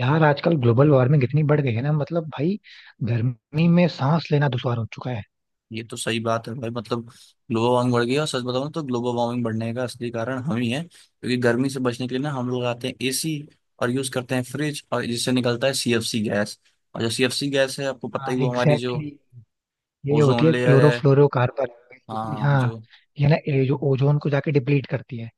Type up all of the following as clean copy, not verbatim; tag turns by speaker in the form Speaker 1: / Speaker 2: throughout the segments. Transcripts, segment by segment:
Speaker 1: यार, आजकल global warming इतनी बढ़ गई है ना. मतलब भाई, गर्मी में सांस लेना दुश्वार हो चुका है.
Speaker 2: ये तो सही बात है भाई। मतलब ग्लोबल वार्मिंग बढ़ गई है और सच बताऊं तो ग्लोबल वार्मिंग बढ़ने का असली कारण हम ही है, क्योंकि गर्मी से बचने के लिए ना हम लोग आते हैं एसी और यूज करते हैं फ्रिज, और जिससे निकलता है सीएफसी गैस। और जो सीएफसी गैस है, आपको पता
Speaker 1: हाँ,
Speaker 2: ही, वो हमारी जो
Speaker 1: एग्जैक्टली exactly. ये होती
Speaker 2: ओजोन
Speaker 1: है
Speaker 2: लेयर है।
Speaker 1: क्लोरोफ्लोरोकार्बन. बेसिकली
Speaker 2: हाँ
Speaker 1: हाँ.
Speaker 2: जो।
Speaker 1: ये जो ओजोन को जाके डिप्लीट करती है.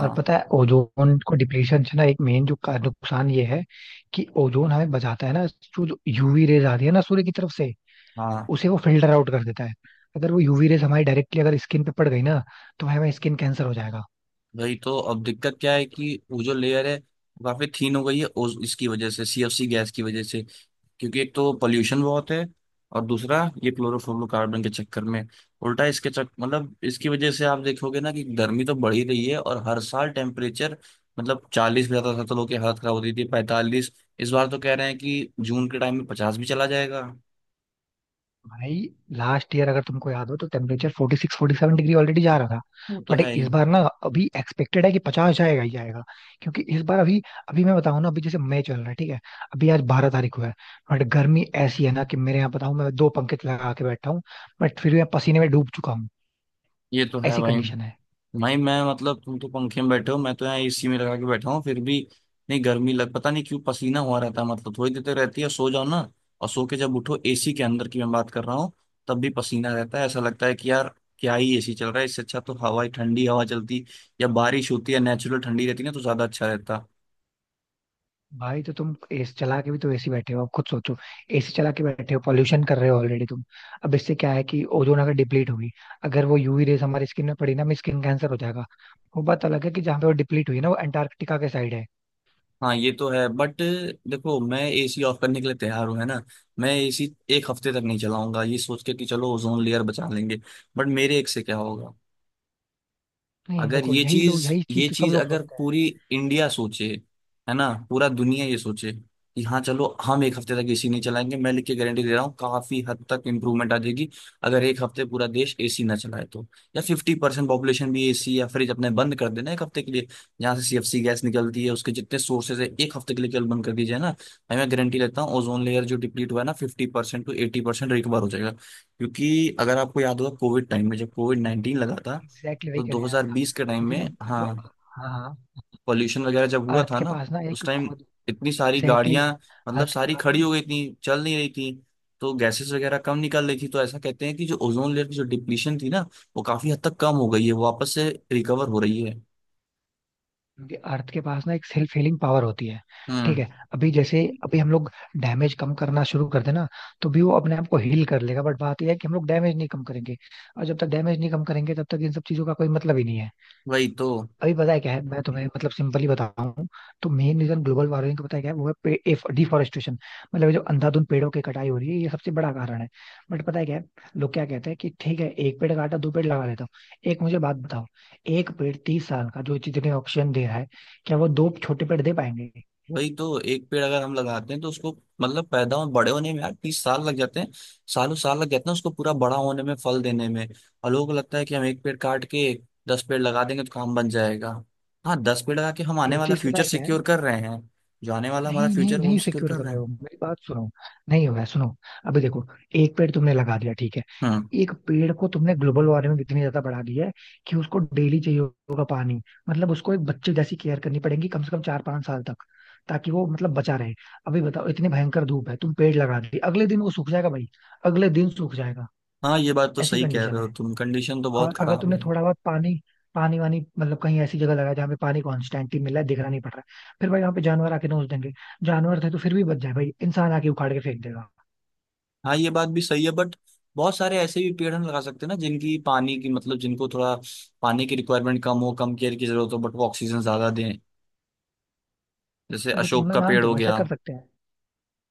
Speaker 1: और पता है, ओजोन को डिप्लीशन से ना एक मेन नुकसान ये है कि ओजोन हमें बचाता है ना. जो जो यूवी रेज आती है ना सूर्य की तरफ से,
Speaker 2: हाँ।
Speaker 1: उसे वो फिल्टर आउट कर देता है. अगर वो यूवी रेज हमारी डायरेक्टली अगर स्किन पे पड़ गई ना, तो हमें स्किन कैंसर हो जाएगा.
Speaker 2: वही तो, अब दिक्कत क्या है कि वो जो लेयर है वो काफी थीन हो गई है ओज इसकी वजह से, सीएफसी गैस की वजह से। क्योंकि एक तो पोल्यूशन बहुत है, और दूसरा ये क्लोरोफ्लोरोकार्बन के चक्कर में उल्टा इसके चक मतलब इसकी वजह से आप देखोगे ना कि गर्मी तो बढ़ ही रही है और हर साल टेम्परेचर, मतलब 40 भी जाता था तो लोग की हालत खराब होती थी, 45। इस बार तो कह रहे हैं कि जून के टाइम में 50 भी चला जाएगा।
Speaker 1: भाई, लास्ट ईयर अगर तुमको याद हो तो टेम्परेचर 46 47 डिग्री ऑलरेडी जा रहा था.
Speaker 2: वो तो
Speaker 1: बट
Speaker 2: है ही।
Speaker 1: इस बार ना, अभी एक्सपेक्टेड है कि 50 जाएगा ही जाएगा. क्योंकि इस बार अभी, अभी मैं बताऊं ना, अभी जैसे मई चल रहा है, ठीक है. अभी आज 12 तारीख हुआ है. बट गर्मी ऐसी है ना कि मेरे यहाँ बताऊं, मैं दो पंखे लगा के बैठा हूँ, बट फिर भी मैं पसीने में डूब चुका हूँ.
Speaker 2: ये तो है
Speaker 1: ऐसी
Speaker 2: भाई।
Speaker 1: कंडीशन है.
Speaker 2: भाई मैं, मतलब तुम तो पंखे में बैठे हो, मैं तो यहाँ एसी में लगा के बैठा हूँ, फिर भी नहीं गर्मी लग, पता नहीं क्यों पसीना हुआ रहता है। मतलब थोड़ी देर तक रहती है, सो जाओ ना, और सो के जब उठो, एसी के अंदर की मैं बात कर रहा हूँ, तब भी पसीना रहता है। ऐसा लगता है कि यार क्या ही एसी चल रहा है, इससे अच्छा तो हवा ही, ठंडी हवा चलती या बारिश होती है, नेचुरल ठंडी रहती ना, तो ज्यादा अच्छा रहता।
Speaker 1: भाई, तो तुम एसी चला के भी तो एसी बैठे हो. अब खुद सोचो, एसी चला के बैठे हो, पॉल्यूशन कर रहे हो ऑलरेडी तुम. अब इससे क्या है कि ओजोन अगर डिप्लीट हुई, अगर वो यूवी रेस हमारी स्किन में पड़ी ना, हमें स्किन कैंसर हो जाएगा. वो बात अलग है कि जहाँ पे वो डिप्लीट हुई ना, वो अंटार्कटिका के साइड है.
Speaker 2: हाँ ये तो है, बट देखो, मैं एसी ऑफ करने के लिए तैयार हूँ, है ना। मैं एसी एक हफ्ते तक नहीं चलाऊंगा, ये सोच के कि चलो ओजोन लेयर बचा लेंगे, बट मेरे एक से क्या होगा।
Speaker 1: नहीं
Speaker 2: अगर
Speaker 1: देखो,
Speaker 2: ये
Speaker 1: यही लोग
Speaker 2: चीज,
Speaker 1: यही चीज
Speaker 2: ये
Speaker 1: तो सब
Speaker 2: चीज
Speaker 1: लोग
Speaker 2: अगर
Speaker 1: सोचते हैं.
Speaker 2: पूरी इंडिया सोचे, है ना, पूरा दुनिया ये सोचे कि हाँ चलो हम एक हफ्ते तक एसी नहीं चलाएंगे, मैं लिख के गारंटी दे रहा हूँ, काफी हद तक इंप्रूवमेंट आ जाएगी अगर एक हफ्ते पूरा देश एसी ना चलाए तो। या 50% पॉपुलेशन भी एसी या फ्रिज अपने बंद कर देना एक हफ्ते के लिए, जहाँ से सीएफसी गैस निकलती है उसके जितने सोर्सेज है एक हफ्ते के लिए केवल बंद कर दीजिए ना भाई, मैं गारंटी लेता हूँ ओजोन लेयर जो डिप्लीट हुआ है ना 50% टू 80% रिकवर हो जाएगा। क्योंकि अगर आपको याद होगा, कोविड टाइम में जब COVID-19 लगा था
Speaker 1: एग्जैक्टली,
Speaker 2: तो
Speaker 1: वही कहने आया था.
Speaker 2: 2020 के टाइम
Speaker 1: क्योंकि
Speaker 2: में,
Speaker 1: ना, जो,
Speaker 2: हाँ,
Speaker 1: हाँ,
Speaker 2: पॉल्यूशन वगैरह जब हुआ
Speaker 1: अर्थ
Speaker 2: था
Speaker 1: के
Speaker 2: ना,
Speaker 1: पास ना
Speaker 2: उस
Speaker 1: एक
Speaker 2: टाइम
Speaker 1: खुद,
Speaker 2: इतनी सारी
Speaker 1: एग्जैक्टली,
Speaker 2: गाड़ियां, मतलब
Speaker 1: अर्थ के
Speaker 2: सारी
Speaker 1: पास
Speaker 2: खड़ी
Speaker 1: ना,
Speaker 2: हो गई थी, चल नहीं रही थी, तो गैसेस वगैरह कम निकल रही थी। तो ऐसा कहते हैं कि जो ओजोन लेयर की जो डिप्लीशन थी ना वो काफी हद तक कम हो गई है, वो वापस से रिकवर हो रही है।
Speaker 1: क्योंकि अर्थ के पास ना एक सेल्फ हीलिंग पावर होती है. ठीक
Speaker 2: हम्म।
Speaker 1: है. अभी जैसे अभी हम लोग डैमेज कम करना शुरू कर देना तो भी वो अपने आप को हील कर लेगा. बट बात यह है कि हम लोग डैमेज नहीं कम करेंगे, और जब तक डैमेज नहीं कम करेंगे तब तक इन सब चीजों का कोई मतलब ही नहीं है.
Speaker 2: वही तो।
Speaker 1: अभी पता है क्या है, मैं तुम्हें मतलब सिंपली बताऊं, तो मेन रीजन ग्लोबल वार्मिंग का पता है क्या है, वो है डिफॉरेस्टेशन. मतलब ये जो अंधाधुंध पेड़ों की कटाई हो रही है, ये सबसे बड़ा कारण है. बट पता है क्या है, लोग क्या कहते हैं कि ठीक है, एक पेड़ काटा दो पेड़ लगा लेता हूँ. एक मुझे बात बताओ, एक पेड़ 30 साल का जो जितने ऑक्सीजन दे रहा है, क्या वो दो छोटे पेड़ दे पाएंगे.
Speaker 2: एक पेड़ अगर हम लगाते हैं तो उसको, मतलब पैदा हो, बड़े होने में यार 30 साल लग जाते हैं, सालों साल लग जाते हैं उसको पूरा बड़ा होने में, फल देने में। और लोगों को लगता है कि हम एक पेड़ काट के 10 पेड़ लगा देंगे तो काम बन जाएगा। हाँ 10 पेड़ लगा के हम आने
Speaker 1: एक
Speaker 2: वाला
Speaker 1: चीज पता
Speaker 2: फ्यूचर
Speaker 1: है क्या है.
Speaker 2: सिक्योर कर रहे हैं। जो आने वाला हमारा
Speaker 1: नहीं नहीं
Speaker 2: फ्यूचर वो हम
Speaker 1: नहीं,
Speaker 2: सिक्योर
Speaker 1: सिक्योर
Speaker 2: कर
Speaker 1: कर
Speaker 2: रहे
Speaker 1: रहे हो,
Speaker 2: हैं।
Speaker 1: मेरी बात सुनो. नहीं होगा, सुनो. अभी देखो, एक पेड़ तुमने लगा दिया, ठीक है.
Speaker 2: हम्म।
Speaker 1: एक पेड़ को तुमने ग्लोबल वार्मिंग इतनी ज्यादा बढ़ा दी है कि उसको डेली चाहिए होगा पानी. मतलब उसको एक बच्चे जैसी केयर करनी पड़ेगी कम से कम 4-5 साल तक, ताकि वो मतलब बचा रहे. अभी बताओ, इतनी भयंकर धूप है, तुम पेड़ लगा दिए, अगले दिन वो सूख जाएगा भाई. अगले दिन सूख जाएगा.
Speaker 2: हाँ ये बात तो
Speaker 1: ऐसी
Speaker 2: सही कह
Speaker 1: कंडीशन
Speaker 2: रहे हो
Speaker 1: है.
Speaker 2: तुम, कंडीशन तो बहुत
Speaker 1: और अगर
Speaker 2: खराब
Speaker 1: तुमने
Speaker 2: है।
Speaker 1: थोड़ा बहुत पानी, पानी वानी मतलब कहीं ऐसी जगह लगाया जहाँ पे पानी कॉन्स्टेंटली मिल रहा है, दिखना नहीं पड़ रहा है, फिर भाई वहाँ पे जानवर आके नोच देंगे. जानवर थे तो फिर भी बच जाए भाई, इंसान आके उखाड़ के फेंक देगा.
Speaker 2: हाँ ये बात भी सही है, बट बहुत सारे ऐसे भी पेड़ हम लगा सकते हैं ना जिनकी पानी की, मतलब जिनको थोड़ा पानी की रिक्वायरमेंट कम हो, कम केयर की जरूरत हो, बट वो ऑक्सीजन ज्यादा दें। जैसे
Speaker 1: लेकिन
Speaker 2: अशोक
Speaker 1: मैं
Speaker 2: का पेड़
Speaker 1: मानता
Speaker 2: हो
Speaker 1: हूँ, ऐसा
Speaker 2: गया।
Speaker 1: कर सकते हैं.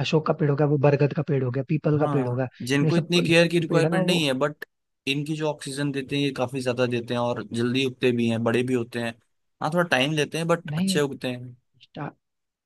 Speaker 1: अशोक का पेड़ हो गया, वो बरगद का पेड़ हो गया, पीपल का पेड़ हो
Speaker 2: हाँ,
Speaker 1: गया. ये
Speaker 2: जिनको
Speaker 1: सब
Speaker 2: इतनी
Speaker 1: ये
Speaker 2: केयर
Speaker 1: सब
Speaker 2: की
Speaker 1: जो पेड़ है ना
Speaker 2: रिक्वायरमेंट नहीं
Speaker 1: वो,
Speaker 2: है, बट इनकी जो ऑक्सीजन देते हैं ये काफी ज्यादा देते हैं, और जल्दी उगते भी हैं, बड़े भी होते हैं। हाँ थोड़ा टाइम लेते हैं बट अच्छे उगते हैं।
Speaker 1: नहीं,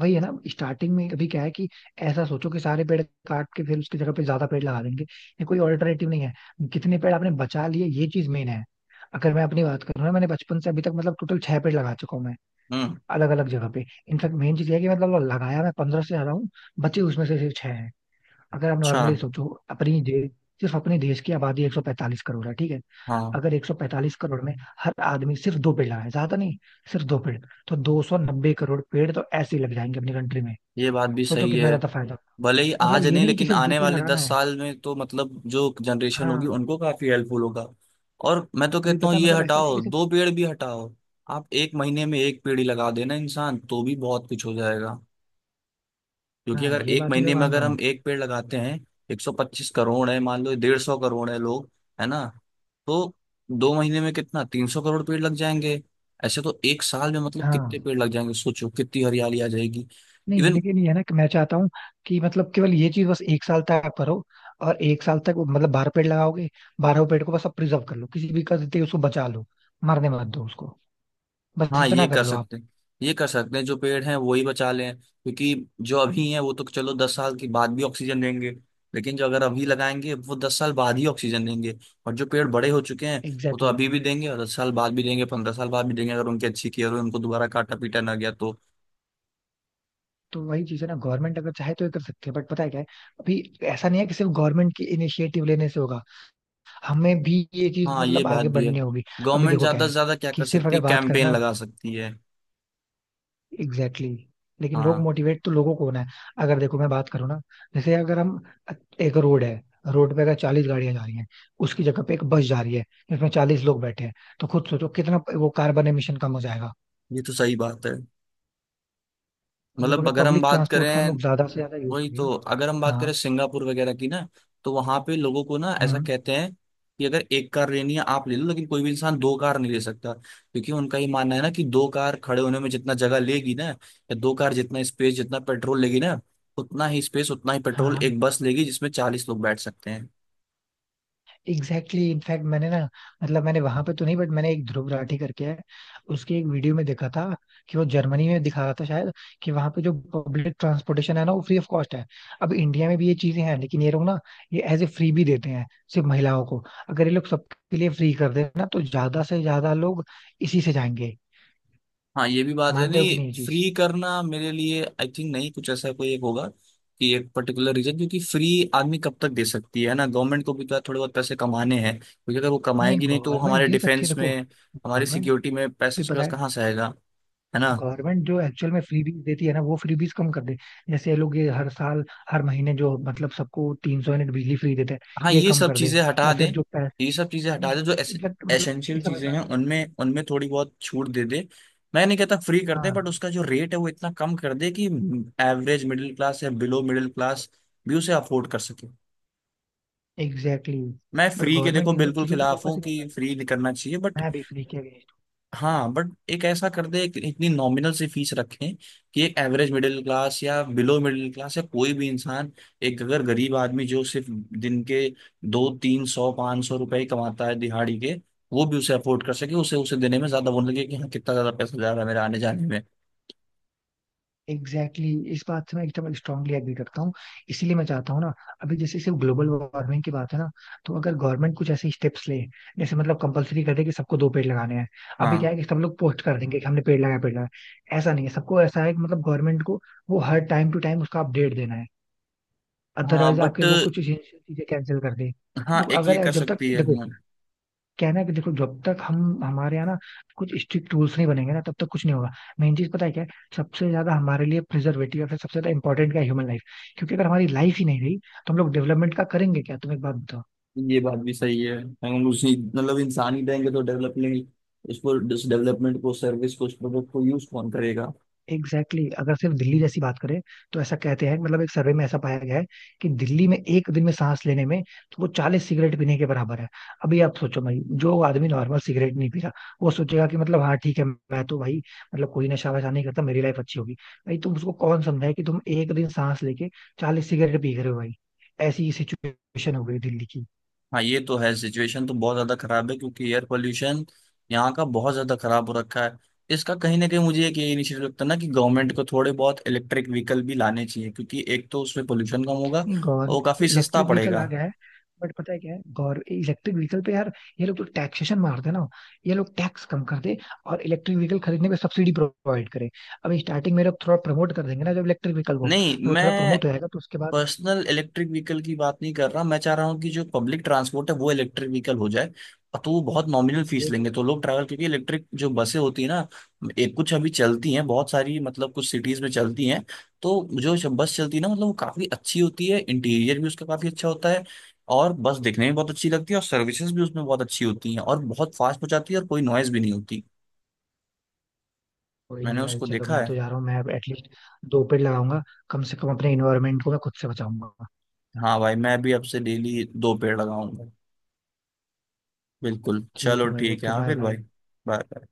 Speaker 1: वही है ना. स्टार्टिंग में अभी क्या है कि ऐसा सोचो कि सारे पेड़ काट के फिर उसकी जगह पे ज्यादा पेड़ लगा देंगे, ये कोई ऑल्टरनेटिव नहीं है. कितने पेड़ आपने बचा लिए, ये चीज मेन है. अगर मैं अपनी बात करूँ ना, मैंने बचपन से अभी तक मतलब टोटल छह पेड़ लगा चुका हूँ मैं,
Speaker 2: हम्म।
Speaker 1: अलग अलग जगह पे. इनफैक्ट मेन चीज ये है कि मतलब लगाया मैं 15 से ज्यादा हूँ, बचे उसमें से सिर्फ छह हैं. अगर आप
Speaker 2: अच्छा।
Speaker 1: नॉर्मली सोचो, अपनी दे, सिर्फ अपने देश की आबादी 145 करोड़ है, ठीक है.
Speaker 2: हाँ
Speaker 1: अगर 145 करोड़ में हर आदमी सिर्फ दो पेड़ लगाए, ज्यादा नहीं, सिर्फ दो पेड़, तो 290 करोड़ पेड़ तो ऐसे ही लग जाएंगे अपनी कंट्री में.
Speaker 2: ये बात भी
Speaker 1: सोचो
Speaker 2: सही
Speaker 1: कितना
Speaker 2: है,
Speaker 1: ज्यादा फायदा.
Speaker 2: भले ही
Speaker 1: मतलब
Speaker 2: आज
Speaker 1: ये
Speaker 2: नहीं,
Speaker 1: नहीं कि
Speaker 2: लेकिन
Speaker 1: सिर्फ दो
Speaker 2: आने
Speaker 1: पेड़
Speaker 2: वाले
Speaker 1: लगाना
Speaker 2: दस
Speaker 1: है.
Speaker 2: साल में तो मतलब जो जनरेशन होगी
Speaker 1: हाँ.
Speaker 2: उनको काफी हेल्पफुल होगा। और मैं तो
Speaker 1: अभी
Speaker 2: कहता हूँ
Speaker 1: पता
Speaker 2: ये
Speaker 1: मतलब ऐसा नहीं है
Speaker 2: हटाओ
Speaker 1: कि सिर्फ.
Speaker 2: दो पेड़ भी हटाओ, आप एक महीने में एक पेड़ ही लगा देना इंसान तो भी बहुत कुछ हो जाएगा। क्योंकि
Speaker 1: हाँ,
Speaker 2: अगर
Speaker 1: ये
Speaker 2: एक
Speaker 1: बात भी मैं
Speaker 2: महीने में
Speaker 1: मानता
Speaker 2: अगर हम
Speaker 1: हूँ.
Speaker 2: एक पेड़ लगाते हैं, 125 करोड़ है, मान लो 150 करोड़ है लोग, है ना, तो दो महीने में कितना, 300 करोड़ पेड़ लग जाएंगे। ऐसे तो एक साल में मतलब कितने
Speaker 1: हाँ.
Speaker 2: पेड़ लग जाएंगे, सोचो कितनी हरियाली आ जाएगी।
Speaker 1: नहीं,
Speaker 2: इवन।
Speaker 1: लेकिन ये है ना कि मैं चाहता हूँ कि मतलब केवल ये चीज बस एक साल तक करो. और एक साल तक वो मतलब 12 पेड़ लगाओगे, 12 पेड़ को बस आप प्रिजर्व कर लो, किसी भी करते उसको बचा लो, मरने मत दो उसको. बस
Speaker 2: हाँ ये
Speaker 1: इतना कर
Speaker 2: कर
Speaker 1: लो आप.
Speaker 2: सकते हैं। ये कर सकते हैं, जो पेड़ हैं वो ही बचा लें, क्योंकि जो अभी हैं वो तो चलो 10 साल के बाद भी ऑक्सीजन देंगे, लेकिन जो अगर अभी लगाएंगे वो 10 साल बाद ही ऑक्सीजन देंगे। और जो पेड़ बड़े हो चुके हैं वो तो
Speaker 1: एग्जैक्टली
Speaker 2: अभी
Speaker 1: exactly.
Speaker 2: भी देंगे और 10 साल बाद भी देंगे, 15 साल बाद भी देंगे, अगर उनकी अच्छी केयर हो, उनको दोबारा काटा पीटा ना गया तो।
Speaker 1: तो वही चीज है ना, गवर्नमेंट अगर चाहे तो ये कर सकती है. बट पता है क्या है, अभी ऐसा नहीं है कि सिर्फ गवर्नमेंट की इनिशिएटिव लेने से होगा, हमें भी ये चीज
Speaker 2: हाँ ये
Speaker 1: मतलब
Speaker 2: बात
Speaker 1: आगे
Speaker 2: भी है।
Speaker 1: बढ़नी होगी. अभी
Speaker 2: गवर्नमेंट
Speaker 1: देखो क्या
Speaker 2: ज्यादा
Speaker 1: है
Speaker 2: से ज्यादा क्या
Speaker 1: कि
Speaker 2: कर
Speaker 1: सिर्फ
Speaker 2: सकती
Speaker 1: अगर
Speaker 2: है,
Speaker 1: बात करें
Speaker 2: कैंपेन
Speaker 1: ना,
Speaker 2: लगा सकती है।
Speaker 1: Exactly exactly. लेकिन लोग
Speaker 2: हाँ
Speaker 1: मोटिवेट तो लोगों को होना है. अगर देखो मैं बात करूँ ना, जैसे अगर हम, एक रोड है, रोड पे अगर 40 गाड़ियां जा रही हैं, उसकी जगह पे एक बस जा रही है जिसमें 40 लोग बैठे हैं, तो खुद सोचो कितना वो कार्बन एमिशन कम हो जाएगा.
Speaker 2: ये तो सही बात है।
Speaker 1: मतलब
Speaker 2: मतलब
Speaker 1: अगर
Speaker 2: अगर हम
Speaker 1: पब्लिक
Speaker 2: बात
Speaker 1: ट्रांसपोर्ट का हम
Speaker 2: करें,
Speaker 1: लोग ज्यादा से ज्यादा यूज
Speaker 2: वही
Speaker 1: करें.
Speaker 2: तो, अगर हम बात करें
Speaker 1: हाँ.
Speaker 2: सिंगापुर वगैरह की ना, तो वहां पे लोगों को ना ऐसा
Speaker 1: हम्म.
Speaker 2: कहते हैं कि अगर एक कार लेनी है आप ले लो, लेकिन कोई भी इंसान दो कार नहीं ले सकता, क्योंकि उनका ये मानना है ना कि दो कार खड़े होने में जितना जगह लेगी ना, या दो कार जितना स्पेस, जितना पेट्रोल लेगी ना, उतना ही स्पेस उतना ही पेट्रोल
Speaker 1: हाँ.
Speaker 2: एक बस लेगी जिसमें 40 लोग बैठ सकते हैं।
Speaker 1: एग्जैक्टली, इनफैक्ट मैंने ना, मतलब मैंने वहां पे तो नहीं, बट मैंने एक ध्रुव राठी करके है, उसके एक वीडियो में देखा था कि वो जर्मनी में दिखा रहा था शायद, कि वहां पे जो पब्लिक ट्रांसपोर्टेशन है ना वो फ्री ऑफ कॉस्ट है. अब इंडिया में भी ये चीजें हैं लेकिन ये लोग ना, ये एज ए फ्री भी देते हैं सिर्फ महिलाओं को. अगर ये लोग सबके लिए फ्री कर दे ना, तो ज्यादा से ज्यादा लोग इसी से जाएंगे.
Speaker 2: हाँ ये भी बात है।
Speaker 1: मानते हो कि
Speaker 2: नहीं
Speaker 1: नहीं ये चीज?
Speaker 2: फ्री करना मेरे लिए, आई थिंक नहीं, कुछ ऐसा कोई एक होगा कि एक पर्टिकुलर रीजन, क्योंकि फ्री आदमी कब तक दे सकती है ना, गवर्नमेंट को भी तो थोड़े बहुत पैसे कमाने हैं, क्योंकि अगर वो
Speaker 1: नहीं,
Speaker 2: कमाएगी नहीं तो
Speaker 1: गवर्नमेंट
Speaker 2: हमारे
Speaker 1: दे सकती है,
Speaker 2: डिफेंस
Speaker 1: देखो,
Speaker 2: में, हमारी
Speaker 1: गवर्नमेंट
Speaker 2: सिक्योरिटी में
Speaker 1: भी
Speaker 2: पैसे उसके
Speaker 1: पता
Speaker 2: पास
Speaker 1: है,
Speaker 2: कहाँ से आएगा, है ना।
Speaker 1: गवर्नमेंट जो एक्चुअल में फ्रीबीज देती है ना, वो फ्रीबीज कम कर दे. जैसे ये लोग ये हर साल, हर महीने जो मतलब सबको 300 यूनिट बिजली फ्री देते हैं,
Speaker 2: हाँ
Speaker 1: ये
Speaker 2: ये
Speaker 1: कम
Speaker 2: सब
Speaker 1: कर दे.
Speaker 2: चीजें हटा
Speaker 1: या
Speaker 2: दें।
Speaker 1: फिर जो पैसे,
Speaker 2: ये सब चीजें हटा दें, जो
Speaker 1: एग्जैक्ट मतलब
Speaker 2: एसेंशियल
Speaker 1: ये सब
Speaker 2: चीजें
Speaker 1: हटा
Speaker 2: हैं
Speaker 1: के.
Speaker 2: उनमें, उनमें थोड़ी बहुत छूट दे दे। मैं नहीं कहता फ्री कर दे,
Speaker 1: हाँ,
Speaker 2: बट उसका जो रेट है वो इतना कम कर दे कि एवरेज मिडिल क्लास या बिलो मिडिल क्लास भी उसे अफोर्ड कर सके।
Speaker 1: एग्जैक्टली
Speaker 2: मैं
Speaker 1: exactly. बट
Speaker 2: फ्री के, देखो,
Speaker 1: गवर्नमेंट इन सब
Speaker 2: बिल्कुल
Speaker 1: चीजों पे
Speaker 2: खिलाफ
Speaker 1: फोकस
Speaker 2: हूँ
Speaker 1: ही नहीं
Speaker 2: कि
Speaker 1: करती.
Speaker 2: फ्री नहीं करना चाहिए बट,
Speaker 1: मैं भी फ्री के
Speaker 2: हाँ बट एक ऐसा कर दे, एक इतनी नॉमिनल सी फीस रखें कि एक एवरेज मिडिल क्लास या बिलो मिडिल क्लास या कोई भी इंसान, एक अगर गरीब आदमी जो सिर्फ दिन के 200, 300, 500 रुपए ही कमाता है दिहाड़ी के, वो भी उसे अफोर्ड कर सके। उसे, उसे देने में ज्यादा वो ना लगे कि हाँ कितना ज्यादा पैसा जा रहा है मेरा आने जाने में।
Speaker 1: एग्जैक्टली, इस बात से मैं एकदम स्ट्रांगली एग्री करता हूँ. इसीलिए मैं चाहता हूँ ना, अभी जैसे सिर्फ ग्लोबल वार्मिंग की बात है ना, तो अगर गवर्नमेंट कुछ ऐसे स्टेप्स ले, जैसे मतलब कंपलसरी कर दे कि सबको दो पेड़ लगाने हैं. अभी क्या
Speaker 2: हाँ।
Speaker 1: है कि सब लोग पोस्ट कर देंगे कि हमने पेड़ लगाया पेड़ लगाया, ऐसा नहीं है. सबको ऐसा है कि मतलब गवर्नमेंट को वो हर टाइम टू टाइम उसका अपडेट देना है,
Speaker 2: हाँ
Speaker 1: अदरवाइज
Speaker 2: बट,
Speaker 1: आपके वो कुछ चीजें कैंसिल कर दे.
Speaker 2: हाँ
Speaker 1: देखो,
Speaker 2: एक ये
Speaker 1: अगर
Speaker 2: कर
Speaker 1: जब
Speaker 2: सकती
Speaker 1: तक
Speaker 2: है,
Speaker 1: देखो
Speaker 2: हाँ।
Speaker 1: क्या है ना कि देखो जब तक हम हमारे यहाँ ना कुछ स्ट्रिक्ट रूल्स नहीं बनेंगे ना, तब तक कुछ नहीं होगा. मेन चीज पता है क्या है, सबसे ज्यादा हमारे लिए प्रिजर्वेटिव या फिर सबसे ज्यादा इंपॉर्टेंट क्या है, ह्यूमन लाइफ. क्योंकि अगर हमारी लाइफ ही नहीं रही, तो हम लोग डेवलपमेंट का करेंगे क्या, तुम एक बात बताओ.
Speaker 2: ये बात भी सही है। हम उसी, मतलब इंसान ही देंगे तो डेवलपमेंट, उसको, इस डेवलपमेंट को, सर्विस को, उस प्रोडक्ट को यूज कौन करेगा।
Speaker 1: एग्जैक्टली, अगर सिर्फ दिल्ली जैसी बात करें, तो ऐसा कहते हैं मतलब एक सर्वे में ऐसा पाया गया है कि दिल्ली में एक दिन में सांस लेने में, तो वो 40 सिगरेट पीने के बराबर है. अभी आप सोचो भाई, जो आदमी नॉर्मल सिगरेट नहीं पी रहा, वो सोचेगा कि मतलब हाँ ठीक है, मैं तो भाई मतलब कोई नशा वशा नहीं करता, मेरी लाइफ अच्छी होगी. भाई तुम उसको कौन समझाए कि तुम एक दिन सांस लेके 40 सिगरेट पी रहे हो भाई. ऐसी सिचुएशन हो गई दिल्ली की.
Speaker 2: हाँ ये तो है, सिचुएशन तो बहुत ज्यादा खराब है, क्योंकि एयर पोल्यूशन यहाँ का बहुत ज्यादा खराब हो रखा है। इसका कहीं ना कहीं मुझे एक ये इनिशिएटिव लगता है ना कि गवर्नमेंट को थोड़े बहुत इलेक्ट्रिक व्हीकल भी लाने चाहिए, क्योंकि एक तो उसमें पोल्यूशन कम होगा और वो
Speaker 1: गवर्नमेंट
Speaker 2: काफी सस्ता
Speaker 1: इलेक्ट्रिक व्हीकल
Speaker 2: पड़ेगा।
Speaker 1: आ गया है. बट पता है क्या है, गौर इलेक्ट्रिक व्हीकल पे यार, ये लोग तो टैक्सेशन मारते हैं ना. ये लोग टैक्स कम कर दे, और इलेक्ट्रिक व्हीकल खरीदने पे सब्सिडी प्रोवाइड करे. अब स्टार्टिंग में लोग थोड़ा प्रमोट कर देंगे ना, जब इलेक्ट्रिक व्हीकल को
Speaker 2: नहीं
Speaker 1: जब वो थोड़ा
Speaker 2: मैं
Speaker 1: प्रमोट हो जाएगा तो उसके बाद,
Speaker 2: पर्सनल इलेक्ट्रिक व्हीकल की बात नहीं कर रहा, मैं चाह रहा हूँ कि जो पब्लिक ट्रांसपोर्ट है वो इलेक्ट्रिक व्हीकल हो जाए, और तो वो बहुत नॉमिनल फीस
Speaker 1: ये भी,
Speaker 2: लेंगे तो लोग ट्रैवल, क्योंकि इलेक्ट्रिक जो बसें होती है ना, एक कुछ अभी चलती हैं, बहुत सारी मतलब कुछ सिटीज में चलती हैं, तो जो बस चलती है ना, मतलब वो काफी अच्छी होती है, इंटीरियर भी उसका काफी अच्छा होता है, और बस देखने में बहुत अच्छी लगती है, और सर्विसेज भी उसमें बहुत अच्छी होती हैं और बहुत फास्ट पहुंचाती है, और कोई नॉइज भी नहीं होती।
Speaker 1: कोई
Speaker 2: मैंने
Speaker 1: नहीं भाई,
Speaker 2: उसको
Speaker 1: चलो
Speaker 2: देखा
Speaker 1: मैं
Speaker 2: है।
Speaker 1: तो जा रहा हूँ, मैं एटलीस्ट दो पेड़ लगाऊंगा, कम से कम अपने इन्वायरमेंट को मैं खुद से बचाऊंगा.
Speaker 2: हाँ भाई मैं भी अब से डेली दो पेड़ लगाऊंगा। बिल्कुल,
Speaker 1: ठीक
Speaker 2: चलो
Speaker 1: है भाई,
Speaker 2: ठीक है,
Speaker 1: ओके,
Speaker 2: हाँ,
Speaker 1: बाय
Speaker 2: फिर भाई।
Speaker 1: बाय.
Speaker 2: बाय।